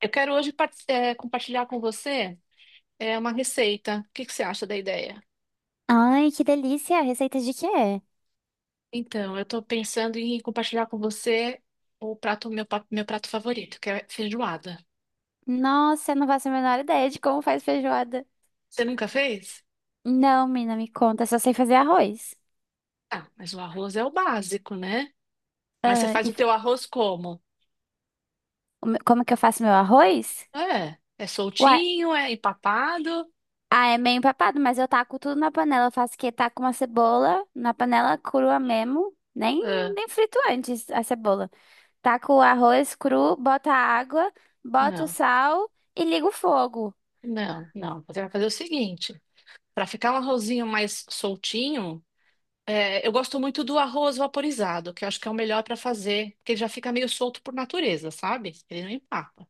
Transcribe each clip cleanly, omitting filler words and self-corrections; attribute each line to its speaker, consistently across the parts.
Speaker 1: Eu quero hoje compartilhar com você uma receita. O que que você acha da ideia?
Speaker 2: Ai, que delícia! Receita de quê?
Speaker 1: Então, eu estou pensando em compartilhar com você o prato, meu prato favorito, que é feijoada.
Speaker 2: Nossa, eu não faço a menor ideia de como faz feijoada.
Speaker 1: Você nunca fez?
Speaker 2: Não, mina, me conta, eu só sei fazer arroz.
Speaker 1: Ah, mas o arroz é o básico, né? Mas você
Speaker 2: Ah,
Speaker 1: faz
Speaker 2: e
Speaker 1: o teu arroz como?
Speaker 2: como que eu faço meu arroz?
Speaker 1: É
Speaker 2: Ué,
Speaker 1: soltinho, é empapado?
Speaker 2: ah, é meio empapado, mas eu taco tudo na panela. Eu faço que taco uma cebola na panela crua mesmo,
Speaker 1: Ah,
Speaker 2: nem frito antes a cebola. Taco o arroz cru, bota a água, bota o
Speaker 1: não,
Speaker 2: sal e ligo o fogo.
Speaker 1: não, não. Você vai fazer o seguinte, para ficar um arrozinho mais soltinho. É, eu gosto muito do arroz vaporizado, que eu acho que é o melhor para fazer, porque ele já fica meio solto por natureza, sabe? Ele não empapa.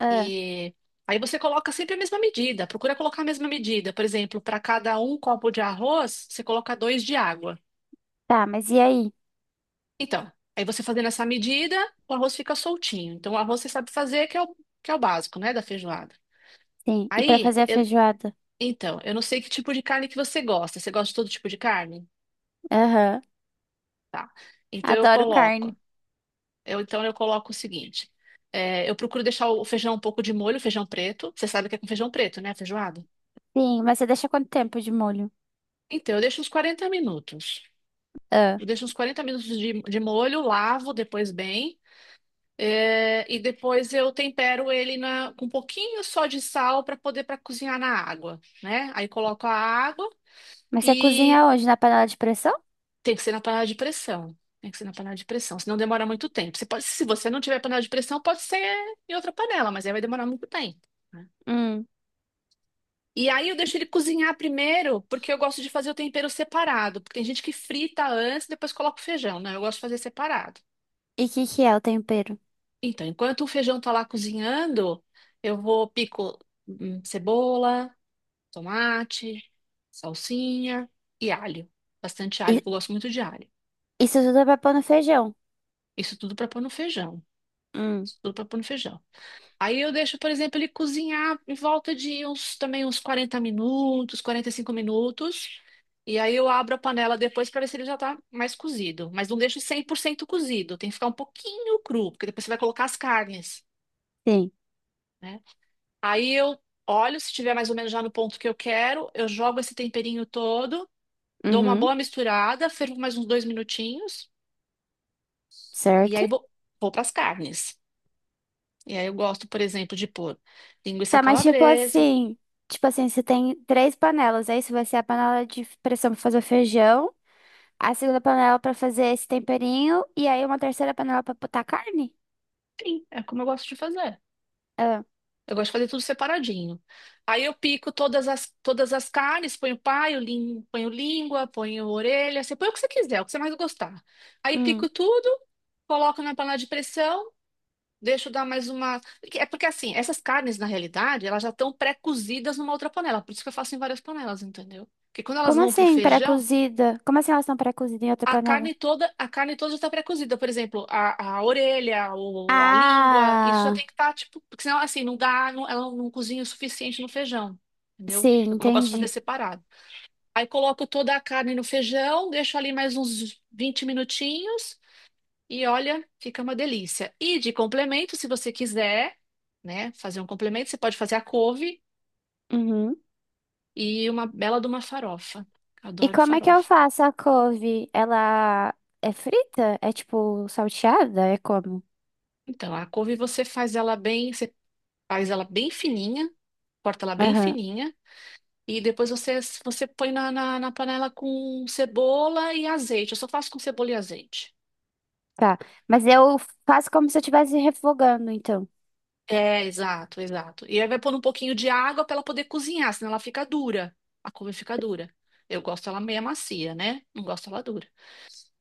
Speaker 2: Ah,
Speaker 1: E aí você coloca sempre a mesma medida, procura colocar a mesma medida. Por exemplo, para cada um copo de arroz, você coloca dois de água.
Speaker 2: tá, mas e aí?
Speaker 1: Então, aí você fazendo essa medida, o arroz fica soltinho. Então, o arroz você sabe fazer, que é o básico, né, da feijoada.
Speaker 2: Sim, e pra
Speaker 1: Aí,
Speaker 2: fazer a
Speaker 1: eu-
Speaker 2: feijoada?
Speaker 1: então, eu não sei que tipo de carne que você gosta. Você gosta de todo tipo de carne?
Speaker 2: Aham,
Speaker 1: Tá. Então, eu
Speaker 2: adoro
Speaker 1: coloco.
Speaker 2: carne.
Speaker 1: Eu, então eu coloco o seguinte: eu procuro deixar o feijão um pouco de molho, feijão preto. Você sabe o que é com feijão preto, né? Feijoada.
Speaker 2: Sim, mas você deixa quanto tempo de molho?
Speaker 1: Então eu deixo uns 40 minutos.
Speaker 2: Ah.
Speaker 1: Eu deixo uns 40 minutos de molho, lavo depois bem. E depois eu tempero ele com um pouquinho só de sal para cozinhar na água, né? Aí coloco a água,
Speaker 2: Mas você
Speaker 1: e
Speaker 2: cozinha onde? Na panela de pressão?
Speaker 1: tem que ser na panela de pressão. Tem que ser na panela de pressão, senão demora muito tempo. Você pode, se você não tiver panela de pressão, pode ser em outra panela, mas aí vai demorar muito tempo, né?
Speaker 2: Hum.
Speaker 1: E aí eu deixo ele cozinhar primeiro, porque eu gosto de fazer o tempero separado. Porque tem gente que frita antes, depois coloca o feijão, né? Eu gosto de fazer separado.
Speaker 2: E o que que é o tempero?
Speaker 1: Então, enquanto o feijão tá lá cozinhando, eu vou pico cebola, tomate, salsinha e alho. Bastante alho,
Speaker 2: I-
Speaker 1: que eu gosto muito de alho.
Speaker 2: Isso tudo é pra pôr no feijão.
Speaker 1: Isso tudo para pôr no feijão.
Speaker 2: Hum.
Speaker 1: Isso tudo para pôr no feijão. Aí eu deixo, por exemplo, ele cozinhar em volta de uns 40 minutos, 45 minutos. E aí eu abro a panela depois para ver se ele já tá mais cozido, mas não deixo 100% cozido, tem que ficar um pouquinho cru, porque depois você vai colocar as carnes,
Speaker 2: Sim.
Speaker 1: né? Aí eu olho, se tiver mais ou menos já no ponto que eu quero, eu jogo esse temperinho todo, dou uma
Speaker 2: Uhum.
Speaker 1: boa misturada, fervo mais uns dois minutinhos e
Speaker 2: Certo.
Speaker 1: aí vou para as carnes. E aí eu gosto, por exemplo, de pôr linguiça
Speaker 2: Tá, mas tipo
Speaker 1: calabresa.
Speaker 2: assim, tipo assim, você tem três panelas, aí isso vai ser a panela de pressão pra fazer o feijão, a segunda panela pra fazer esse temperinho e aí uma terceira panela pra botar carne?
Speaker 1: Sim, é como eu gosto de fazer.
Speaker 2: Ah.
Speaker 1: Eu gosto de fazer tudo separadinho. Aí eu pico todas as carnes, ponho paio, ponho língua, ponho orelha, você põe o que você quiser, o que você mais gostar. Aí pico
Speaker 2: Hum.
Speaker 1: tudo, coloco na panela de pressão, deixo dar mais uma. É porque assim, essas carnes, na realidade, elas já estão pré-cozidas numa outra panela. Por isso que eu faço em várias panelas, entendeu? Porque quando elas
Speaker 2: Como
Speaker 1: vão pro
Speaker 2: assim
Speaker 1: feijão,
Speaker 2: pré-cozida? Como assim elas estão pré-cozidas em outra panela?
Speaker 1: a carne toda já está pré-cozida. Por exemplo, a orelha, a língua, isso já
Speaker 2: Ah,
Speaker 1: tem que estar, tipo, porque senão assim, não dá, não, ela não cozinha o suficiente no feijão. Entendeu?
Speaker 2: sim,
Speaker 1: Eu, como eu gosto de fazer
Speaker 2: entendi.
Speaker 1: separado. Aí coloco toda a carne no feijão, deixo ali mais uns 20 minutinhos e olha, fica uma delícia. E de complemento, se você quiser, né, fazer um complemento, você pode fazer a couve
Speaker 2: Uhum.
Speaker 1: e uma bela de uma farofa.
Speaker 2: E
Speaker 1: Adoro
Speaker 2: como é que eu
Speaker 1: farofa.
Speaker 2: faço a couve? Ela é frita? É tipo salteada? É como?
Speaker 1: Então, a couve você faz ela bem, você faz ela bem fininha, corta ela bem
Speaker 2: Aham,
Speaker 1: fininha e depois você, você põe na panela com cebola e azeite. Eu só faço com cebola e azeite.
Speaker 2: tá. Mas eu faço como se eu estivesse refogando, então.
Speaker 1: É, exato, exato. E aí vai pôr um pouquinho de água para ela poder cozinhar, senão ela fica dura. A couve fica dura. Eu gosto ela meia macia, né? Não gosto ela dura.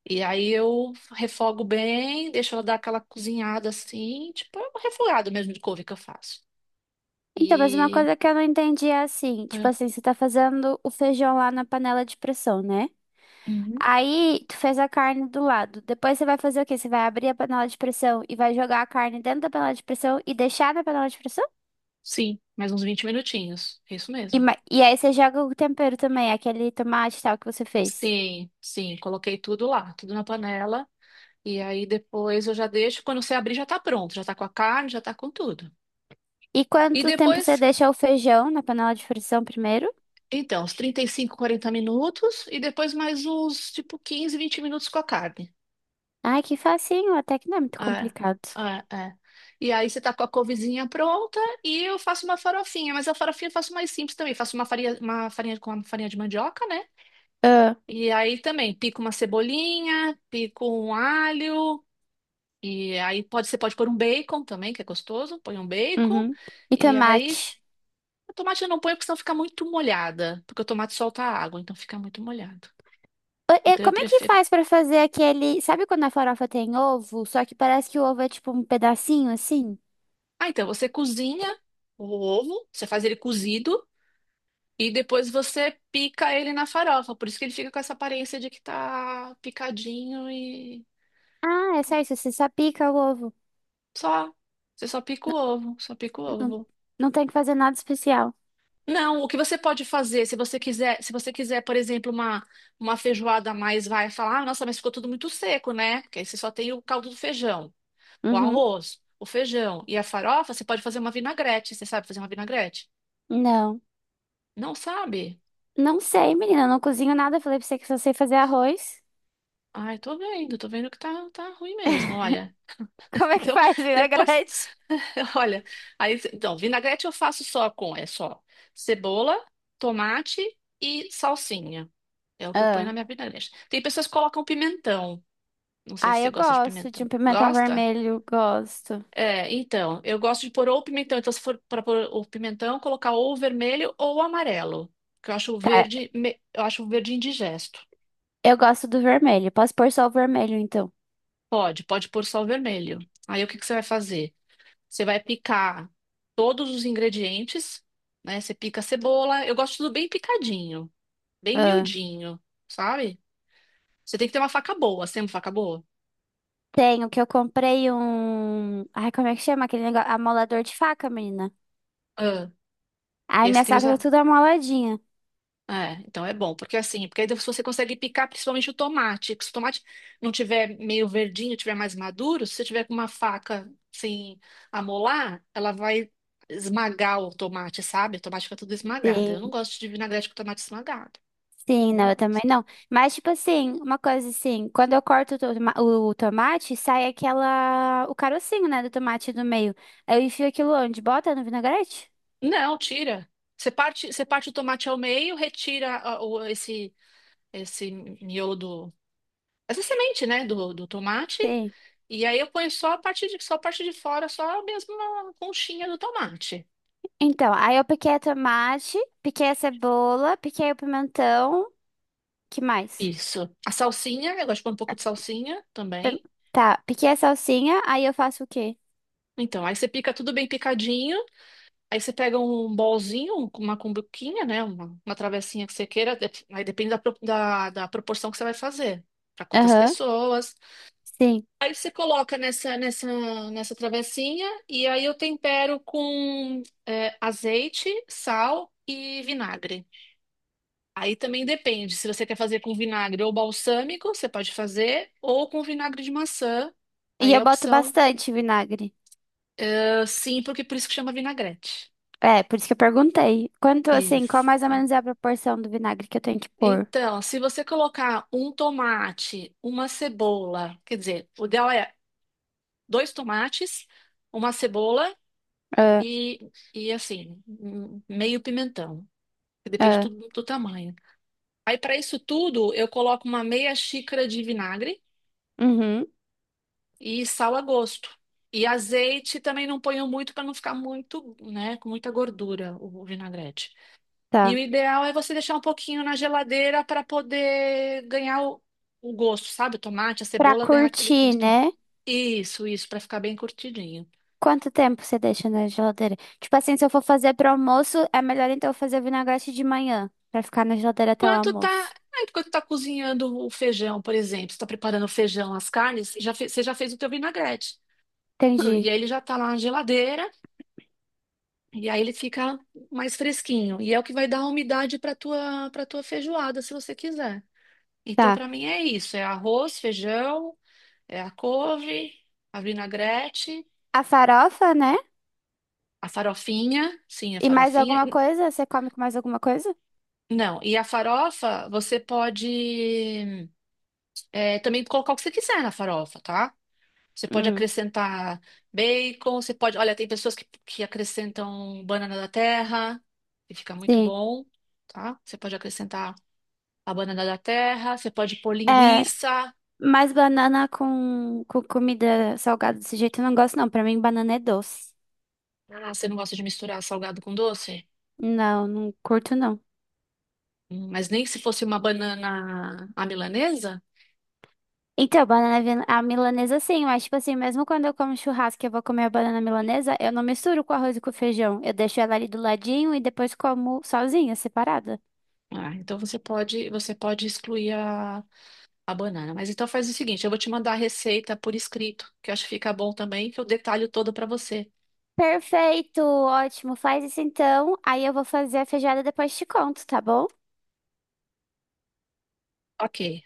Speaker 1: E aí eu refogo bem, deixo ela dar aquela cozinhada assim, tipo, é um refogado mesmo de couve que eu faço.
Speaker 2: Então, mas uma
Speaker 1: E.
Speaker 2: coisa que eu não entendi é assim, tipo
Speaker 1: É,
Speaker 2: assim, você tá fazendo o feijão lá na panela de pressão, né?
Speaker 1: uhum.
Speaker 2: Aí, tu fez a carne do lado. Depois você vai fazer o quê? Você vai abrir a panela de pressão e vai jogar a carne dentro da panela de pressão e deixar na panela de pressão?
Speaker 1: Sim, mais uns 20 minutinhos. É isso
Speaker 2: E,
Speaker 1: mesmo.
Speaker 2: e aí você joga o tempero também, aquele tomate e tal que você fez.
Speaker 1: Sim, sim, coloquei tudo lá, tudo na panela. E aí depois eu já deixo, quando você abrir já tá pronto, já tá com a carne, já tá com tudo.
Speaker 2: E
Speaker 1: E
Speaker 2: quanto tempo você
Speaker 1: depois,
Speaker 2: deixa o feijão na panela de frição primeiro?
Speaker 1: então, os 35 40 minutos e depois mais uns, tipo, 15 20 minutos com a carne.
Speaker 2: Ai, que facinho, até que não é muito
Speaker 1: É,
Speaker 2: complicado.
Speaker 1: é, é. E aí você tá com a couvezinha pronta e eu faço uma farofinha, mas a farofinha eu faço mais simples também, faço uma farinha, com uma farinha de mandioca, né?
Speaker 2: Ah,
Speaker 1: E aí também pico uma cebolinha, pico um alho. E aí pode, você pode pôr um bacon também, que é gostoso. Põe um bacon.
Speaker 2: uhum. E
Speaker 1: E aí,
Speaker 2: tomate.
Speaker 1: o tomate eu não ponho, porque senão fica muito molhada. Porque o tomate solta a água, então fica muito molhado.
Speaker 2: Ah, e
Speaker 1: Então eu
Speaker 2: como é que
Speaker 1: prefiro.
Speaker 2: faz pra fazer aquele. Sabe quando a farofa tem ovo? Só que parece que o ovo é tipo um pedacinho assim?
Speaker 1: Ah, então você cozinha o ovo, você faz ele cozido. E depois você pica ele na farofa. Por isso que ele fica com essa aparência de que tá picadinho e
Speaker 2: Ah, é só isso, você só pica o ovo.
Speaker 1: só. Você só pica o ovo, só pica o
Speaker 2: Não,
Speaker 1: ovo.
Speaker 2: não tem que fazer nada especial.
Speaker 1: Não, o que você pode fazer, se você quiser, por exemplo, uma feijoada a mais, vai falar, ah, nossa, mas ficou tudo muito seco, né? Porque aí você só tem o caldo do feijão, o
Speaker 2: Uhum.
Speaker 1: arroz, o feijão e a farofa, você pode fazer uma vinagrete. Você sabe fazer uma vinagrete?
Speaker 2: Não.
Speaker 1: Não sabe?
Speaker 2: Não sei, menina, eu não cozinho nada. Falei pra você que só sei fazer arroz.
Speaker 1: Ai, tô vendo, tá ruim mesmo, olha.
Speaker 2: Como é que
Speaker 1: Então,
Speaker 2: faz
Speaker 1: depois,
Speaker 2: vinagrete?
Speaker 1: olha, aí, então, vinagrete eu faço é só cebola, tomate e salsinha. É o que eu ponho na minha vinagrete. Tem pessoas que colocam pimentão. Não sei
Speaker 2: Ah,
Speaker 1: se você
Speaker 2: eu
Speaker 1: gosta de
Speaker 2: gosto de
Speaker 1: pimentão.
Speaker 2: um pimentão
Speaker 1: Gosta?
Speaker 2: vermelho, gosto.
Speaker 1: É, então, eu gosto de pôr ou pimentão. Então, se for para pôr o pimentão, colocar ou o vermelho ou o amarelo. Que eu acho o
Speaker 2: Tá,
Speaker 1: verde, eu acho o verde indigesto.
Speaker 2: eu gosto do vermelho. Posso pôr só o vermelho, então.
Speaker 1: Pode, pode pôr só o vermelho. Aí o que que você vai fazer? Você vai picar todos os ingredientes, né? Você pica a cebola. Eu gosto tudo bem picadinho, bem
Speaker 2: Ah,
Speaker 1: miudinho, sabe? Você tem que ter uma faca boa. Você tem uma faca boa?
Speaker 2: tenho que eu comprei um. Ai, como é que chama aquele negócio? Amolador de faca, menina.
Speaker 1: Ah, e
Speaker 2: Ai,
Speaker 1: aí você
Speaker 2: minha
Speaker 1: tem os,
Speaker 2: faca tá tudo amoladinha.
Speaker 1: É, então é bom, porque assim, porque aí você consegue picar principalmente o tomate. Porque se o tomate não tiver meio verdinho, tiver mais maduro, se você tiver com uma faca sem amolar, ela vai esmagar o tomate, sabe? O tomate fica tudo esmagado. Eu não
Speaker 2: Sim,
Speaker 1: gosto de vinagrete com tomate esmagado.
Speaker 2: sim,
Speaker 1: Não
Speaker 2: não, eu também
Speaker 1: gosto.
Speaker 2: não. Mas, tipo assim, uma coisa assim, quando eu corto o, o tomate, sai aquela. O carocinho, né, do tomate do meio. Aí eu enfio aquilo onde? Bota no vinagrete?
Speaker 1: Não, tira. Você parte o tomate ao meio, retira esse miolo do, essa semente, né, do tomate.
Speaker 2: Sim.
Speaker 1: E aí eu ponho só a parte de fora, só mesmo a conchinha do tomate.
Speaker 2: Então, aí eu piquei a tomate, piquei a cebola, piquei o pimentão. Que mais?
Speaker 1: Isso. A salsinha, eu gosto de pôr um pouco de salsinha
Speaker 2: Pim-
Speaker 1: também.
Speaker 2: Tá, piquei a salsinha, aí eu faço o quê?
Speaker 1: Então, aí você pica tudo bem picadinho. Aí você pega um bolzinho, uma cumbuquinha, né? Uma travessinha que você queira. Aí depende da proporção que você vai fazer. Para quantas
Speaker 2: Aham,
Speaker 1: pessoas.
Speaker 2: sim.
Speaker 1: Aí você coloca nessa travessinha. E aí eu tempero com azeite, sal e vinagre. Aí também depende, se você quer fazer com vinagre ou balsâmico, você pode fazer, ou com vinagre de maçã.
Speaker 2: E
Speaker 1: Aí é
Speaker 2: eu
Speaker 1: a
Speaker 2: boto
Speaker 1: opção.
Speaker 2: bastante vinagre.
Speaker 1: Ah, sim, porque por isso que chama vinagrete.
Speaker 2: É, por isso que eu perguntei. Quanto, assim, qual mais ou
Speaker 1: Isso.
Speaker 2: menos é a proporção do vinagre que eu tenho que pôr?
Speaker 1: Então, se você colocar um tomate, uma cebola, quer dizer, o ideal é dois tomates, uma cebola
Speaker 2: Ah,
Speaker 1: e assim, um meio pimentão. Que Depende
Speaker 2: ah,
Speaker 1: tudo do tamanho. Aí, para isso tudo, eu coloco uma meia xícara de vinagre.
Speaker 2: uhum,
Speaker 1: E sal a gosto. E azeite também não ponho muito para não ficar muito, né, com muita gordura o vinagrete. E o
Speaker 2: tá.
Speaker 1: ideal é você deixar um pouquinho na geladeira para poder ganhar o gosto, sabe? O tomate, a
Speaker 2: Pra
Speaker 1: cebola ganhar aquele
Speaker 2: curtir,
Speaker 1: gosto.
Speaker 2: né?
Speaker 1: Isso, para ficar bem curtidinho.
Speaker 2: Quanto tempo você deixa na geladeira? Tipo assim, se eu for fazer pro almoço, é melhor então eu fazer vinagrete de manhã, pra ficar na geladeira até o
Speaker 1: Enquanto tá,
Speaker 2: almoço.
Speaker 1: ah, enquanto tá cozinhando o feijão, por exemplo, você tá preparando o feijão, as carnes, você já fez o teu vinagrete. E
Speaker 2: Entendi.
Speaker 1: aí ele já tá lá na geladeira. E aí ele fica mais fresquinho. E é o que vai dar a umidade para tua feijoada, se você quiser. Então,
Speaker 2: Tá.
Speaker 1: para mim é isso, é arroz, feijão, é a couve, a vinagrete,
Speaker 2: A farofa, né?
Speaker 1: a farofinha, sim, a
Speaker 2: E mais
Speaker 1: farofinha.
Speaker 2: alguma coisa? Você come com mais alguma coisa?
Speaker 1: Não, e a farofa você pode também colocar o que você quiser na farofa, tá? Você pode
Speaker 2: Hum,
Speaker 1: acrescentar bacon, você pode, olha, tem pessoas que acrescentam banana da terra, que fica muito
Speaker 2: sim.
Speaker 1: bom, tá? Você pode acrescentar a banana da terra, você pode pôr
Speaker 2: É,
Speaker 1: linguiça.
Speaker 2: mas banana com comida salgada desse jeito eu não gosto, não. Pra mim, banana é doce.
Speaker 1: Ah, você não gosta de misturar salgado com doce?
Speaker 2: Não, não curto, não.
Speaker 1: Mas nem se fosse uma banana à milanesa?
Speaker 2: Então, a milanesa sim, mas tipo assim, mesmo quando eu como churrasco e eu vou comer a banana milanesa, eu não misturo com arroz e com feijão. Eu deixo ela ali do ladinho e depois como sozinha, separada.
Speaker 1: Ah, então você pode excluir a banana. Mas então faz o seguinte, eu vou te mandar a receita por escrito, que eu acho que fica bom também, que eu detalho todo para você.
Speaker 2: Perfeito, ótimo. Faz isso então. Aí eu vou fazer a feijoada e depois te conto, tá bom?
Speaker 1: Ok.